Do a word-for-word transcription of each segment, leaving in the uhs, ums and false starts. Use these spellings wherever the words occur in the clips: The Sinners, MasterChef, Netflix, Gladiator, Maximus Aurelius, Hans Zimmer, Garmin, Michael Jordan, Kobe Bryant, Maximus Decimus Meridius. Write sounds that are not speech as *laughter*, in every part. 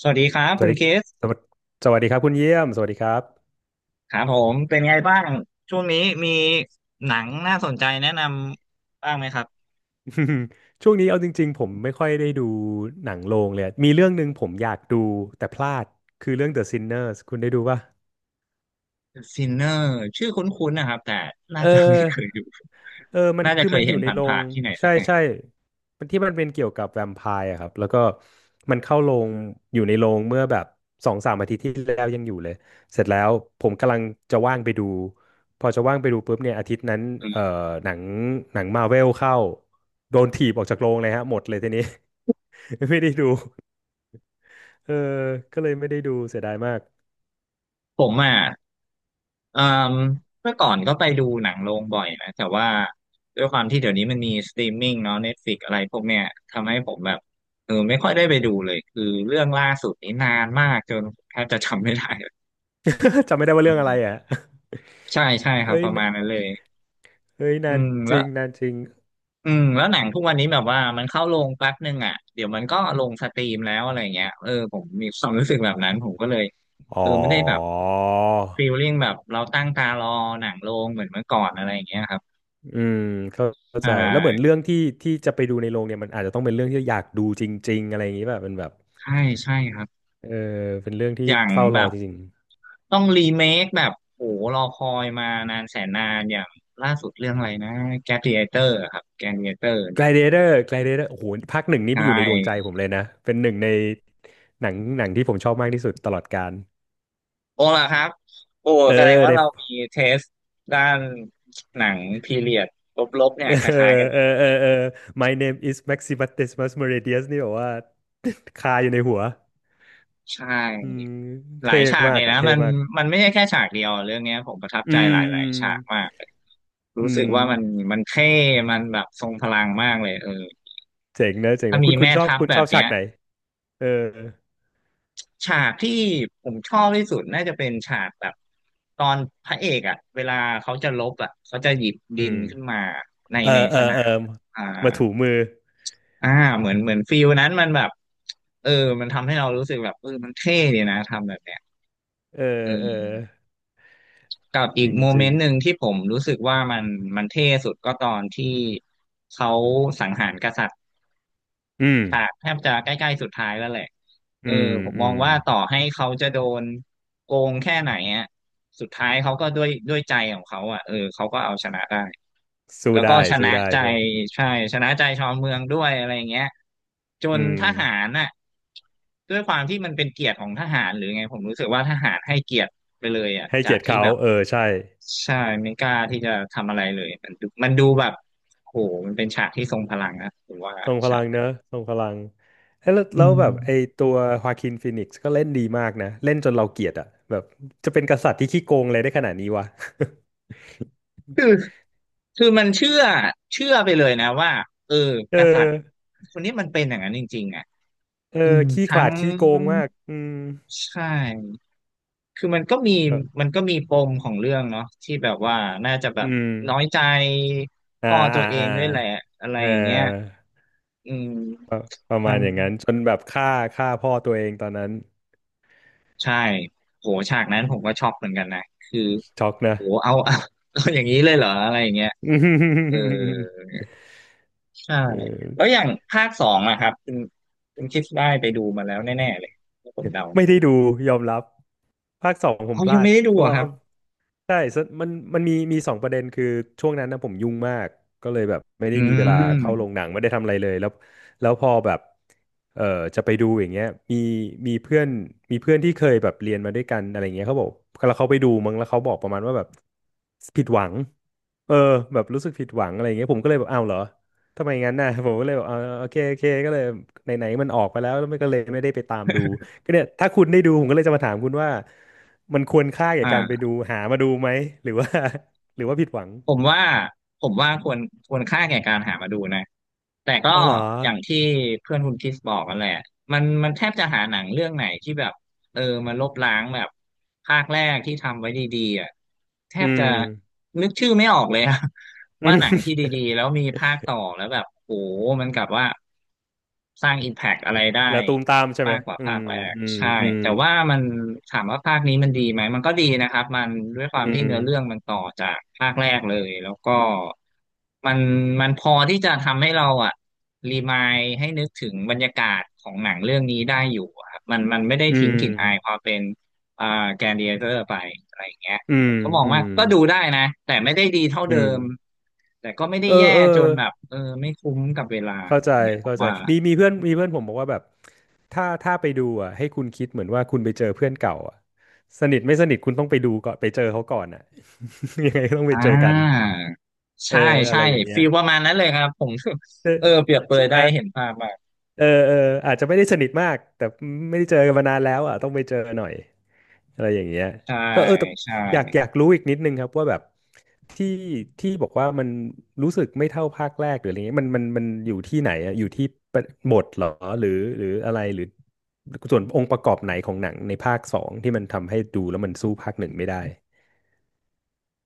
สวัสดีครับสคุวัสณดีคริสสวัสสวัสดีครับคุณเยี่ยม สวัสดีครับ ครับผมเป็นไงบ้าง ช่วงนี้มีหนังน่าสนใจแนะนำบ้างไหมครับ *laughs* ช่วงนี้เอาจริงๆผมไม่ค่อยได้ดูหนังโรงเลยอะมีเรื่องหนึ่งผมอยากดูแต่พลาด คือเรื่อง The Sinners คุณได้ดูป่ะซ i n เนอร์ชื่อคุ้นๆนะครับแต่น่าเออ จะไม่เคยดู เออมั *laughs* นน่าจะคือเคมัยนอเห็ยู่นในโรผ่างนๆที่ไหนสัใช่กแห่งใช่มันที่มันเป็นเกี่ยวกับแวมไพร์อะครับ แล้วก็ มันเข้าโรงอยู่ในโรงเมื่อแบบสองสามอาทิตย์ที่แล้วยังอยู่เลย เสร็จแล้ว ผมกำลังจะว่างไปดู พอจะว่างไปดูปุ๊บเนี่ยอาทิตย์นั้นอืเอ่อมหนังหนังมาเวลเข้าโดนถีบออกจากโรงเลยฮะหมดเลยทีนี้ *laughs* ไม่ได้ดู เออก็เลยไม่ได้ดู เสียดายมาก ผมอ่ะเอ่มเมื่อก่อนก็ไปดูหนังโรงบ่อยนะแต่ว่าด้วยความที่เดี๋ยวนี้มันมีสตรีมมิ่งเนาะ Netflix อะไรพวกเนี้ยทำให้ผมแบบเออไม่ค่อยได้ไปดูเลยคือเรื่องล่าสุดนี้นานมากจนแทบจะจำไม่ได้ *laughs* จำไม่ได้ว่าเรื่องอะไรอ่ะใช่ใช่ครับเอ้ปยระมาณนั้นเลย เอ้ยอืนานมจแล้วริงนานจริงอืมแล้วหนังทุกวันนี้แบบว่ามันเข้าโรงแป๊บนึงอ่ะเดี๋ยวมันก็ลงสตรีมแล้วอะไรเงี้ยเออผมมีความรู้สึกแบบนั้นผมก็เลยเออ๋อ อไม่ได้แบบฟีลลิ่งแบบเราตั้งตารอหนังโรงเหมือนเมื่อก่อนอะไรอย่างเงี้ยครับอืมเข้าเข้าอ่ใจแล้วเหมือนาเรื่องที่ที่จะไปดูในโรงเนี่ยมันอาจจะต้องเป็นเรื่องที่อยากดูจริงๆอะไรอย่างนี้ป่ะเป็นแบบใช่ใช่ครับเออเป็นเรื่องที่อย่างเฝ้ารแบอบจริงต้องรีเมคแบบโหรอคอยมานานแสนนานอย่างล่าสุดเรื่องอะไรนะแก a d i a t เตอร์ครับ g l a d เ a เตอร์ๆ เนี่ย Gladiator Gladiator โอ้โหภาคหนึ่งนี่ใช่ อยู่ในดวงใจผมเลยนะเป็นหนึ่งในหนังหนังที่ผมชอบมากที่สุดตลอดกาลโอ้ล่ะครับโอ้เออแสดงว่าในเรามีเทสด้านหนังพีเรียดลบๆเนี่เอยอคล้ายๆกันเลเออยเออเออ My name is Maximus Decimus Meridius นี่แบบว่า *laughs* คาอยู่ในหัวใชอื่มหเท่ลายฉากมาเลกยอะนะเท่มันมากมันไม่ใช่แค่ฉากเดียวเรื่องเนี้ยผมประทับอืใจหลมอืายมๆฉากมากอืรู้สึกมว่ามันมันเท่มันแบบทรงพลังมากเลยเออเจ๋งนะเจ๋งถ้านะมีคุณคุณแม่ชอบทัพคุณแบชอบบฉาเนี้กยไหน เออฉากที่ผมชอบที่สุดน่าจะเป็นฉากแบบตอนพระเอกอ่ะเวลาเขาจะลบอ่ะเขาจะหยิบอืดินมขึ้นมาในเออในเอสอนาเออมอ่า มาถูมืออ่าเหมือนเหมือนฟิลนั้นมันแบบเออมันทำให้เรารู้สึกแบบเออมันเท่ดีนะทำแบบเนี้ยเออเอเอออกับจอีกริงโมจเมรินงต์หนึ่งที่ผมรู้สึกว่ามันมันเท่สุดก็ตอนที่เขาสังหารกษัตริย์ อืมฉากแทบจะใกล้ๆสุดท้ายแล้วแหละเออือมผมอืมองมว่าต่อให้เขาจะโดนโกงแค่ไหนอ่ะสุดท้ายเขาก็ด้วยด้วยใจของเขาอ่ะเออเขาก็เอาชนะได้สู้แล้วก็ได้ ชสู้นะได้ใจใช่วยใช่ชนะใจชาวเมืองด้วยอะไรอย่างเงี้ยจอืนมทหารน่ะด้วยความที่มันเป็นเกียรติของทหารหรือไงผมรู้สึกว่าทหารให้เกียรติไปเลยอ่ะให้จาเกียกรติที่เขาแบบเออใช่ใช่ไม่กล้าที่จะทำอะไรเลยมันดูมันดูแบบโหมันเป็นฉากที่ทรงพลังนะผมว่าทรงพฉาลังเนกอะทรงพลังเอ้ยแล้วอืแล้วแบบม ไอตัวฮาคินฟีนิกซ์ก็เล่นดีมากนะเล่นจนเราเกลียดอะแบบจะเป็นกษัตริย์ที่ขี้โกงเลยได้ขนาดนี้วะ คือคือมันเชื่อเชื่อไปเลยนะว่าเออ *laughs* กเอษัตริอย์คนนี้มันเป็นอย่างนั้นจริงๆอ่ะเอออืมขี้ขทั้ลางดขี้โกงมากอืมใช่คือมันก็มีเออมันก็มีปมของเรื่องเนาะที่แบบว่าน่าจะแบอืบมน้อยใจอ่าพ่อตัอ่าวเออ่างด้วยแหละอะไรเออ อย่างเงี้ยอืมประประมัมาณนอย่างนั้นจนแบบฆ่าฆ่าพ่อตัวเองตอนนั้นใช่โหฉากนั้นผมก็ช็อกเหมือนกันนะคือช็อกนะ โหเอาเอาเอาอย่างนี้เลยเหรออะไรอย่างเงี้ยเออ *laughs* ใช่เออ แล้วอย่างภาคสองอะครับคุณคุณคิดได้ไปดูมาแล้วแน่ๆเลยผมเดา *laughs* ไม่ได้ดูยอมรับภาคสองผมเขาพยัลางดไม่ได้ดูเพราะอะคว่ารับใช่สมันมันมีมีสองประเด็นคือช่วงนั้นนะผมยุ่งมากก็เลยแบบไม่ได้อืมีเวลามเข้าโรงหนังไม่ได้ทำอะไรเลยแล้วแล้วพอแบบเออจะไปดูอย่างเงี้ยมีมีเพื่อนมีเพื่อนที่เคยแบบเรียนมาด้วยกันอะไรเงี้ยเขาบอกแล้วเขาไปดูมั้งแล้วเขาบอกประมาณว่าแบบผิดหวังเออแบบรู้สึกผิดหวังอะไรเงี้ยผมก็เลยแบบอ้าวเหรอทำไมงั้นน่ะผมก็เลยบอกเออโอเคโอเคก็เลยไหนๆมันออกไปแล้วแล้วมันก็เลยไม่ได้ไปตามดู ก็เนี่ยถ้าคุณได้ดูผมก็เลยจะมาถามคุณว่ามันควรค่าแก่อ่การไปา ดูหามาดูไหมหรือว่า *laughs* หรือว่าผิดหวังผมว่าผมว่าควรควรค่าแก่การหามาดูนะแต่ก็อ๋อเหรออย่างที่เพื่อนคุณคริสบอกกันแหละมันมันแทบจะหาหนังเรื่องไหนที่แบบเออมันลบล้างแบบภาคแรกที่ทำไว้ดีๆอ่ะแทอืบจะมนึกชื่อไม่ออกเลยอะ *laughs* อืว่าม หนังที่ดี *laughs* ๆแล้วมีภาคต่อแล้วแบบโอ้โหมันกลับว่าสร้างอิมแพกอะไรได้ แล้วตูมตามใช่ไหมมากกว่าอืภามคแรกอืมใช่อืมแต่ว่ามันถามว่าภาคนี้มันดีไหมมันก็ดีนะครับมันด้วยคอืวามที่มเนื้อเรื่องมันต่อจากภาคแรกเลยแล้วก็มันมันพอที่จะทำให้เราอะรีมายให้นึกถึงบรรยากาศของหนังเรื่องนี้ได้อยู่อะครับมันมันไม่ได้อืทิ้งมกลิ่นอายความเป็นอ่าแกนดิเอเตอร์ไปอะไรอย่างเงี้ยอืผมมก็มองอืว่ามก็ดูได้นะแต่ไม่ได้ดีเท่าอืเดิมมแต่ก็ไม่ได้เออแย่เออจนแบบเออไม่คุ้มกับเวลาเข้าใจอย่างเงี้ยผมเข้าใจว่า มีมีเพื่อนมีเพื่อนผมบอกว่าแบบถ้าถ้าไปดูอ่ะให้คุณคิดเหมือนว่าคุณไปเจอเพื่อนเก่าอ่ะสนิทไม่สนิทคุณต้องไปดูก่อนไปเจอเขาก่อนอ่ะ *laughs* ยังไงก็ต้องไปอ่เจอกันาเออใช่อะใช่ไรอย่างเงี้ย ฟีลประมาณนั้นเลยครับผม ใช่ *laughs* เออเปรียบเปรใช่ยไหมได้เห็นภาพมากเออเอออาจจะไม่ได้สนิทมากแต่ไม่ได้เจอกันมานานแล้วอ่ะต้องไปเจอหน่อยอะไรอย่างเงี้ยใช่แล้วเออแต่ใช่อยากอยากรู้อีกนิดนึงครับว่าแบบที่ที่บอกว่ามันรู้สึกไม่เท่าภาคแรกหรืออะไรเงี้ยมันมันมันอยู่ที่ไหนอ่ะอยู่ที่ประบทเหรอหรือหรืออะไรหรือส่วนองค์ประกอบไหนของหนังในภาคสองที่มันทำให้ดูแล้วมันสู้ภาคหนึ่งไม่ได้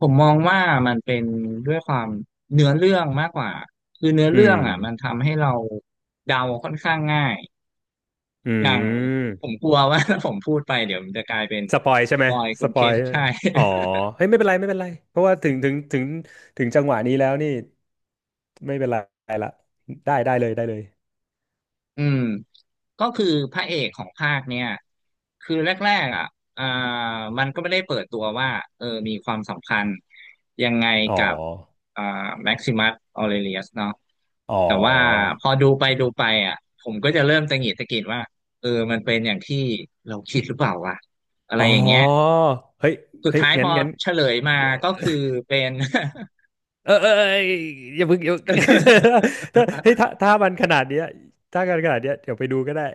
ผมมองว่ามันเป็นด้วยความเนื้อเรื่องมากกว่าคือเนื้ออืเรื่องมอ่ะมันทำให้เราเดาค่อนข้างง่ายอือย่างผม มกลัวว่า *laughs* ถ้าผมพูดไปเดี๋ยวมันจะกลายเป็นสปอยใช่สไหมปอยคุสณปเคอยสใช่ อ๋อเฮ้ยไม่เป็นไรไม่เป็นไรเพราะว่าถึงถึงถึงถึงจังหวะนี้แล้วนี่ไม่เป็นไรละได้ได้เลยได้เลยอืมก็คือพระเอกของภาคเนี่ยคือแรกๆอ่ะอ่ามันก็ไม่ได้เปิดตัวว่าเออมีความสัมพันธ์ยังไงอ๋อกับอ่าแม็กซิมัสออเรเลียสเนาะอ๋แต่ว่าอพอดูไปดูไปอ่ะผมก็จะเริ่มตะหงิดตะกิดว่าเออมันเป็นอย่างที่เราคิดหรือเปล่าวะอะไรอ๋ออย่างเงี้ยเฮ้ยสุดเฮ้ยท้ายพงั้นองั้นเฉลยมาก็คือเป็น เออเออเอออย่าเพิ่งอย่าเพิ่ง *laughs* *laughs* ถ้าเฮ้ยถ้าถ้ามันขนาดเนี้ยถ้ากันขนาดเนี้ยเดี๋ยวไปดูก็ได้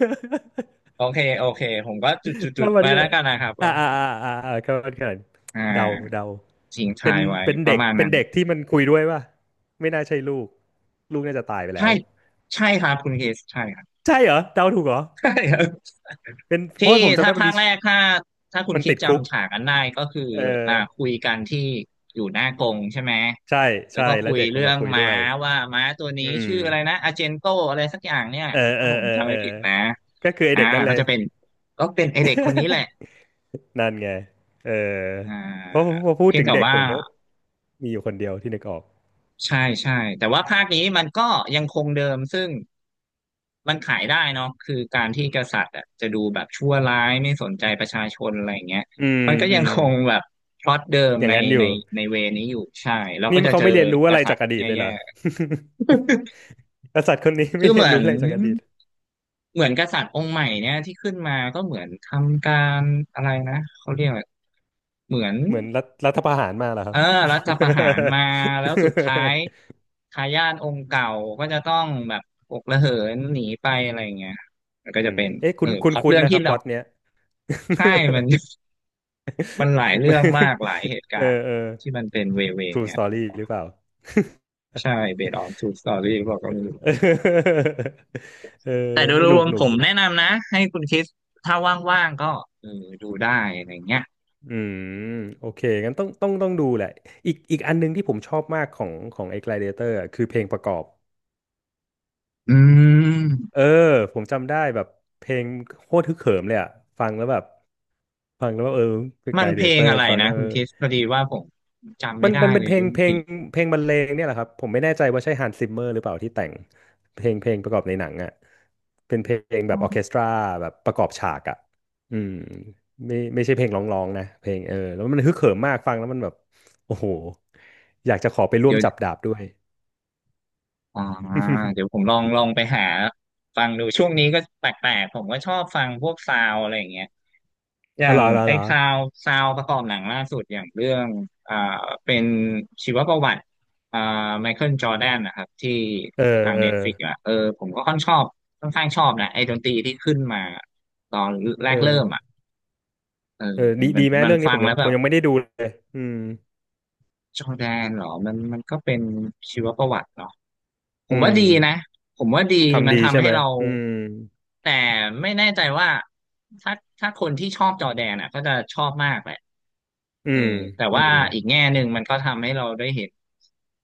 *laughs* โอเคโอเคผมก็จุดจุดจุดข้ามวันไว้ขแล้วนาดกันนะครับอ่าว่าอ่าอ่าอ่าอ่าข้ามวันขนาดอ่เดาาเดาทิ้งเป็ทานยไว้เป็นประเด็กมาณเป็นนั้น เด็กที่มันคุยด้วยป่ะไม่น่าใช่ลูกลูกน่าจะตายไปแล้ใช่วใช่ครับคุณคริสใช่ครับ ใช่เหรอเดาถูกเหรอ *laughs* ใช่ครับเป็นเพที่ราะว่าผมจำถ้าได้มันภามีคแรกถ้าถ้าคุณมันคิดติดคุกจำฉากกันได้ก็คือเอออ่าคุยกันที่อยู่หน้ากรงใช่ไหมใช่แล้วใช่ก็แล้คุวยเด็กมัเรื่นอมางคุยด้ม้าวยว่าม้าตัวนี้อืมชื่ออะไรนะอาเจนโตอะไรสักอย่างเนี่ยเออเอถ้าอผมเออจำเอไม่อผิดนะก็คือไออ่าเด็กนั่นเลก็ย จะเป็นก็เป็นไอเด็กคนนี้แหละ *laughs* นั่นไงเอออ่าเพราะพอพูดเพียงถึงแต่เด็กว่า ผมก็มีอยู่คนเดียวที่นึกออกใช่ใช่แต่ว่าภาคนี้มันก็ยังคงเดิมซึ่งมันขายได้เนาะคือการที่กษัตริย์อะจะดูแบบชั่วร้ายไม่สนใจประชาชนอะไรอย่างเงี้ยอืมมันก็อืยังมคงแบบพล็อตเดิมอย่างในนั้นอในยู่ ในเวนี้อยู่ใช่เรานี่ก็จะเขาเจอไม่เรียนรู้กอะไรษัตจาริกย์อดีตเลยเหแย่รอ *laughs* กษัตริย์คนนี้ๆคืไม่อเหเรียนมือรู้นอะไรจากอดีต เหมือนกษัตริย์องค์ใหม่เนี่ยที่ขึ้นมาก็เหมือนทำการอะไรนะเขาเรียกอะไรเหมือน เหมือนรัฐรัฐประหารมาเลรอครัเอบ อรัฐประหารมาแล้วสุดท้าย *laughs* ทายาทองค์เก่าก็จะต้องแบบอกระเหินหนีไปอะไรอย่างเงี้ยมันก็อืจะมเป็นเอ๊ะเอคุอณคุพณล็อตคุณเรื่องนะคที่รับพเราล็อตเนี้ย ใช่มัน *laughs* มันหลายเรื่องมากหลาย *laughs* เหตุกาเออรณ์เออ ที่มันเป็นเวเว True เนี่ย Story หรือเปล่าใช่ based on true story หรือเก็ไม่รู้เออ *laughs* เออแต่โดยสรนุกวมหนุผกมแนะนำนะให้คุณคริสถ้าว่างๆก็เออดูได้อะไรเงี้ยอืมโอเคงั้นต้องต้องต้องดูแหละ อีกอีกอันหนึงที่ผมชอบมากของของไอ้ แกลดิเอเตอร์ อะคือเพลงประกอบ อืเออมผมจำได้แบบเพลงโคตรฮึกเหิมเลยอ่ะฟังแล้วแบบฟังแล้วแบบเออคือมันกายเพเดลเตงอร์อะไรฟังนะแล้วคุเอณอคริสพอดีว่าผมจำมัไม่นได้มันเป็เลนเพยลงเรื่องเพเพลลงงเพลงบรรเลงเนี่ยแหละครับผมไม่แน่ใจว่าใช่ฮันส์ซิมเมอร์หรือเปล่าที่แต่งเพลงเพลงประกอบในหนังอ่ะเป็นเพลงแบบออร์เคสตราแบบประกอบฉากอ่ะอืมไม่ไม่ใช่เพลงร้องๆนะเพลงเออแล้วมันฮึกเหิมมากฟังแล้วมันแบบโอ้โหอยากจะขอไปร่วเดี๋มยว จับดาบด้วย อ่า *laughs* เดี๋ยวผมลองลองไปหาฟังดูช่วงนี้ก็แปลกๆผมก็ชอบฟังพวกซาวอะไรอย่างเงี้ยออ๋ย่าอเหรงอเหรอไอ้เหรอซาวซาวประกอบหนังล่าสุดอย่างเรื่องอ่าเป็นชีวประวัติอ่าไมเคิลจอร์แดนนะครับที่เออทางเออเน็ตฟลิกอ่ะเออผมก็ค่อนชอบค่อนข้างชอบนะไอ้ดนตรีที่ขึ้นมาตอนแรเอกเริ่อ มอ่ะเอเอออมัดีนมัดีนไหมมันเรื่องนี้ฟัผงมยัแล้งวผแบมบ ยังไม่ได้ดูเลยอืมจอร์แดนเหรอมันมันก็เป็นชีวประวัติเนาะผอืมว่ามดีนะผมว่าดีมัทำนดีทำใช่ให้ไหมเราอืมแต่ไม่แน่ใจว่าถ้าถ้าคนที่ชอบจอร์แดนอ่ะก็จะชอบมากแหละ อืเออมแต่อืว่ามอีกแง่หนึ่งมันก็ทำให้เราได้เห็น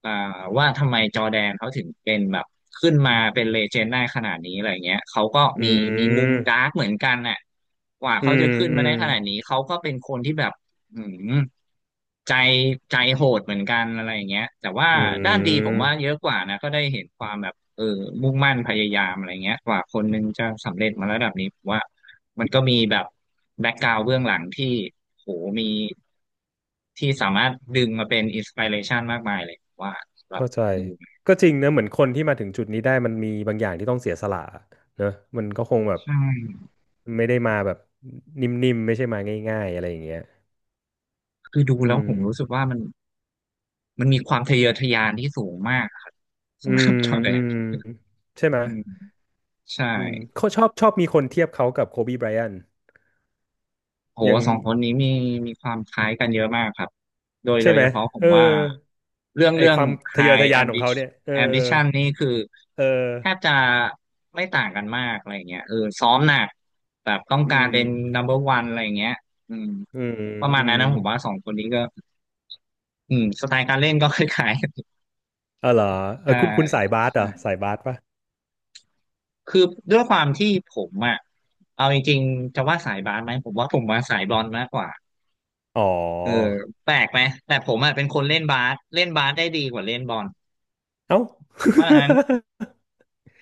อ่าว่าทำไมจอร์แดนเขาถึงเป็นแบบขึ้นมาเป็นเลเจนด์ได้ขนาดนี้อะไรเงี้ยเขาก็อืมีมีมุมมดาร์กเหมือนกันน่ะกว่าอืเขามจะขึ้นอืมาได้มขนาดนี้เขาก็เป็นคนที่แบบอืมใจใจโหดเหมือนกันอะไรอย่างเงี้ยแต่ว่าอืด้านดีผมว่าเยมอะกว่านะก็ได้เห็นความแบบ เออมุ่งมั่นพยายามอะไรเงี้ยกว่าคนหนึงจะสำเร็จมาระดับนี้ผมว่ามันก็มีแบบแบ็กกราวด์เบื้องหลังที่โหมีที่สามารถดึงมาเป็นอินสปิเรชันมากมายเลยผมว่าสำหรับเข้าใจดูก็จริงนะเหมือนคนที่มาถึงจุดนี้ได้มันมีบางอย่างที่ต้องเสียสละเนอะมันก็คงแบบใช่ไม่ได้มาแบบนิ่มๆไม่ใช่มาง่ายๆอะไรอย่างเงี้ยคือดูอืแล้วผมรู้สึกมว่ามันมันมีความทะเยอทะยานที่สูงมากครับอืสำหรัมบจอร์แดอืนมใช่ไหมยอืมใช่ อืมเขาชอบชอบมีคนเทียบเขากับโคบีไบรอันโหยัง สองคนนี้มีมีความคล้ายกันเยอะมากครับโดยโดใช่ยไหม เฉพาะผเอมอ ว่าเรื่องไอเรื่อคง วามทะเยอ High ทะยานของเขา Ambition เนี่ย เออ Ambition นี่คือเออ แทบจะไม่ต่างกันมากอะไรเงี้ยเออซ้อมหนักแบบต้องอืการม เป็น number one อร์วันอะไรเงี้ยอืมอืม ประมาณอืนั้นมนะผมว่าสองคนนี้ก็อืมสไตล์การเล่นก็คล้ายเออเหรอๆ *laughs* เอใช่อคุณคุณสายบาสเหรอใช่สายบาสปะคือด้วยความที่ผมอ่ะเอาจริงๆจะว่าสายบาสไหมผมว่าผมมาสายบอลมากกว่า อ๋เอออ แปลกไหมแต่ผมอ่ะเป็นคนเล่นบาสเล่นบาสได้ดีกว่าเล่นบอลเอ้า เพราะฉะนั้น *laughs*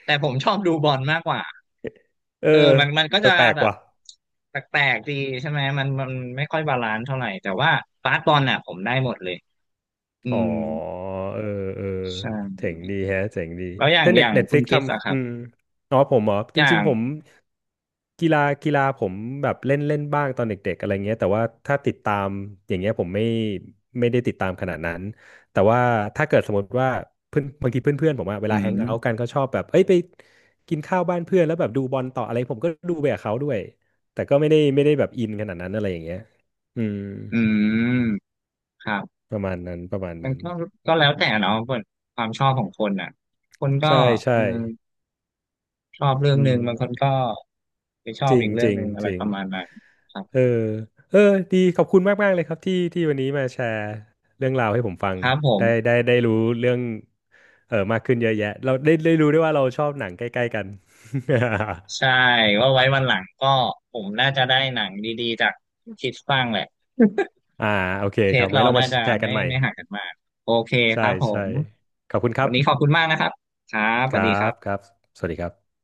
แต่ผมชอบดูบอลมากกว่าเออเออมันมันก็เอจะอแปลกแบบว่ะ แปลกๆดีใช่ไหมมันมันไม่ค่อยบาลานซ์เท่าไหร่แต่ว่าบาสบอลอ่ะผมได้หมดเลยอือ๋อมเออเออใช่เจ๋งดีแฮะเจ๋งดีแล้วอย่างถ้าอเน็ตย่างเน็ตฟคุลิณกคิดอะคทำรัอืบมอ๋อผมเหรออจย่าริงงๆผมกีฬากีฬาผมแบบเล่นเล่นบ้างตอนเด็กๆอะไรเงี้ยแต่ว่าถ้าติดตามอย่างเงี้ยผมไม่ไม่ได้ติดตามขนาดนั้นแต่ว่าถ้าเกิดสมมติว่าเพื่อนบางทีเพื่อนๆผมอะเวอืลาแฮงเอาท์มกันเขาชอบแบบเอ้ยไปกินข้าวบ้านเพื่อนแล้วแบบดูบอลต่ออะไรผมก็ดูไปกับเขาด้วยแต่ก็ไม่ได้ไม่ได้แบบอินขนาดนั้นอะไรอย่างเงี้ยอืมอืมครับประมาณนั้นประมาณมันนั้นก็ก็แล้วแต่เนาะเปิดความชอบของคนอ่ะคนก็ใช่เอใช่ อชอบเรื่ออืงหมนึ่งบางคนก็ไปชอจบริงอีกเรื่จองริหงนึ่งอะจไรริปงระมาณนั้นครับ เออเออดีขอบคุณมากมากเลยครับที่ที่วันนี้มาแชร์เรื่องราวให้ผมฟังครับผมได้ได้ได้รู้เรื่องเออมากขึ้นเยอะแยะเราได้ได้รู้ด้วยว่าเราชอบหนังใกล้ๆกัน ใช่ว่าไว้วันหลังก็ผมน่าจะได้หนังดีๆจากคิดฟังแหละ *laughs* อ่าโอเคเทครัสบไว้เราเรามาน่าจะแชร์กัไม่นใหม่ไม่ห่างกันมากโอเคคใช่รับผใช่มขอบคุณครัวับนนี้ขอบคุณมากนะครับครับคสวัรัสดีครับคบรับสวัสดีครับ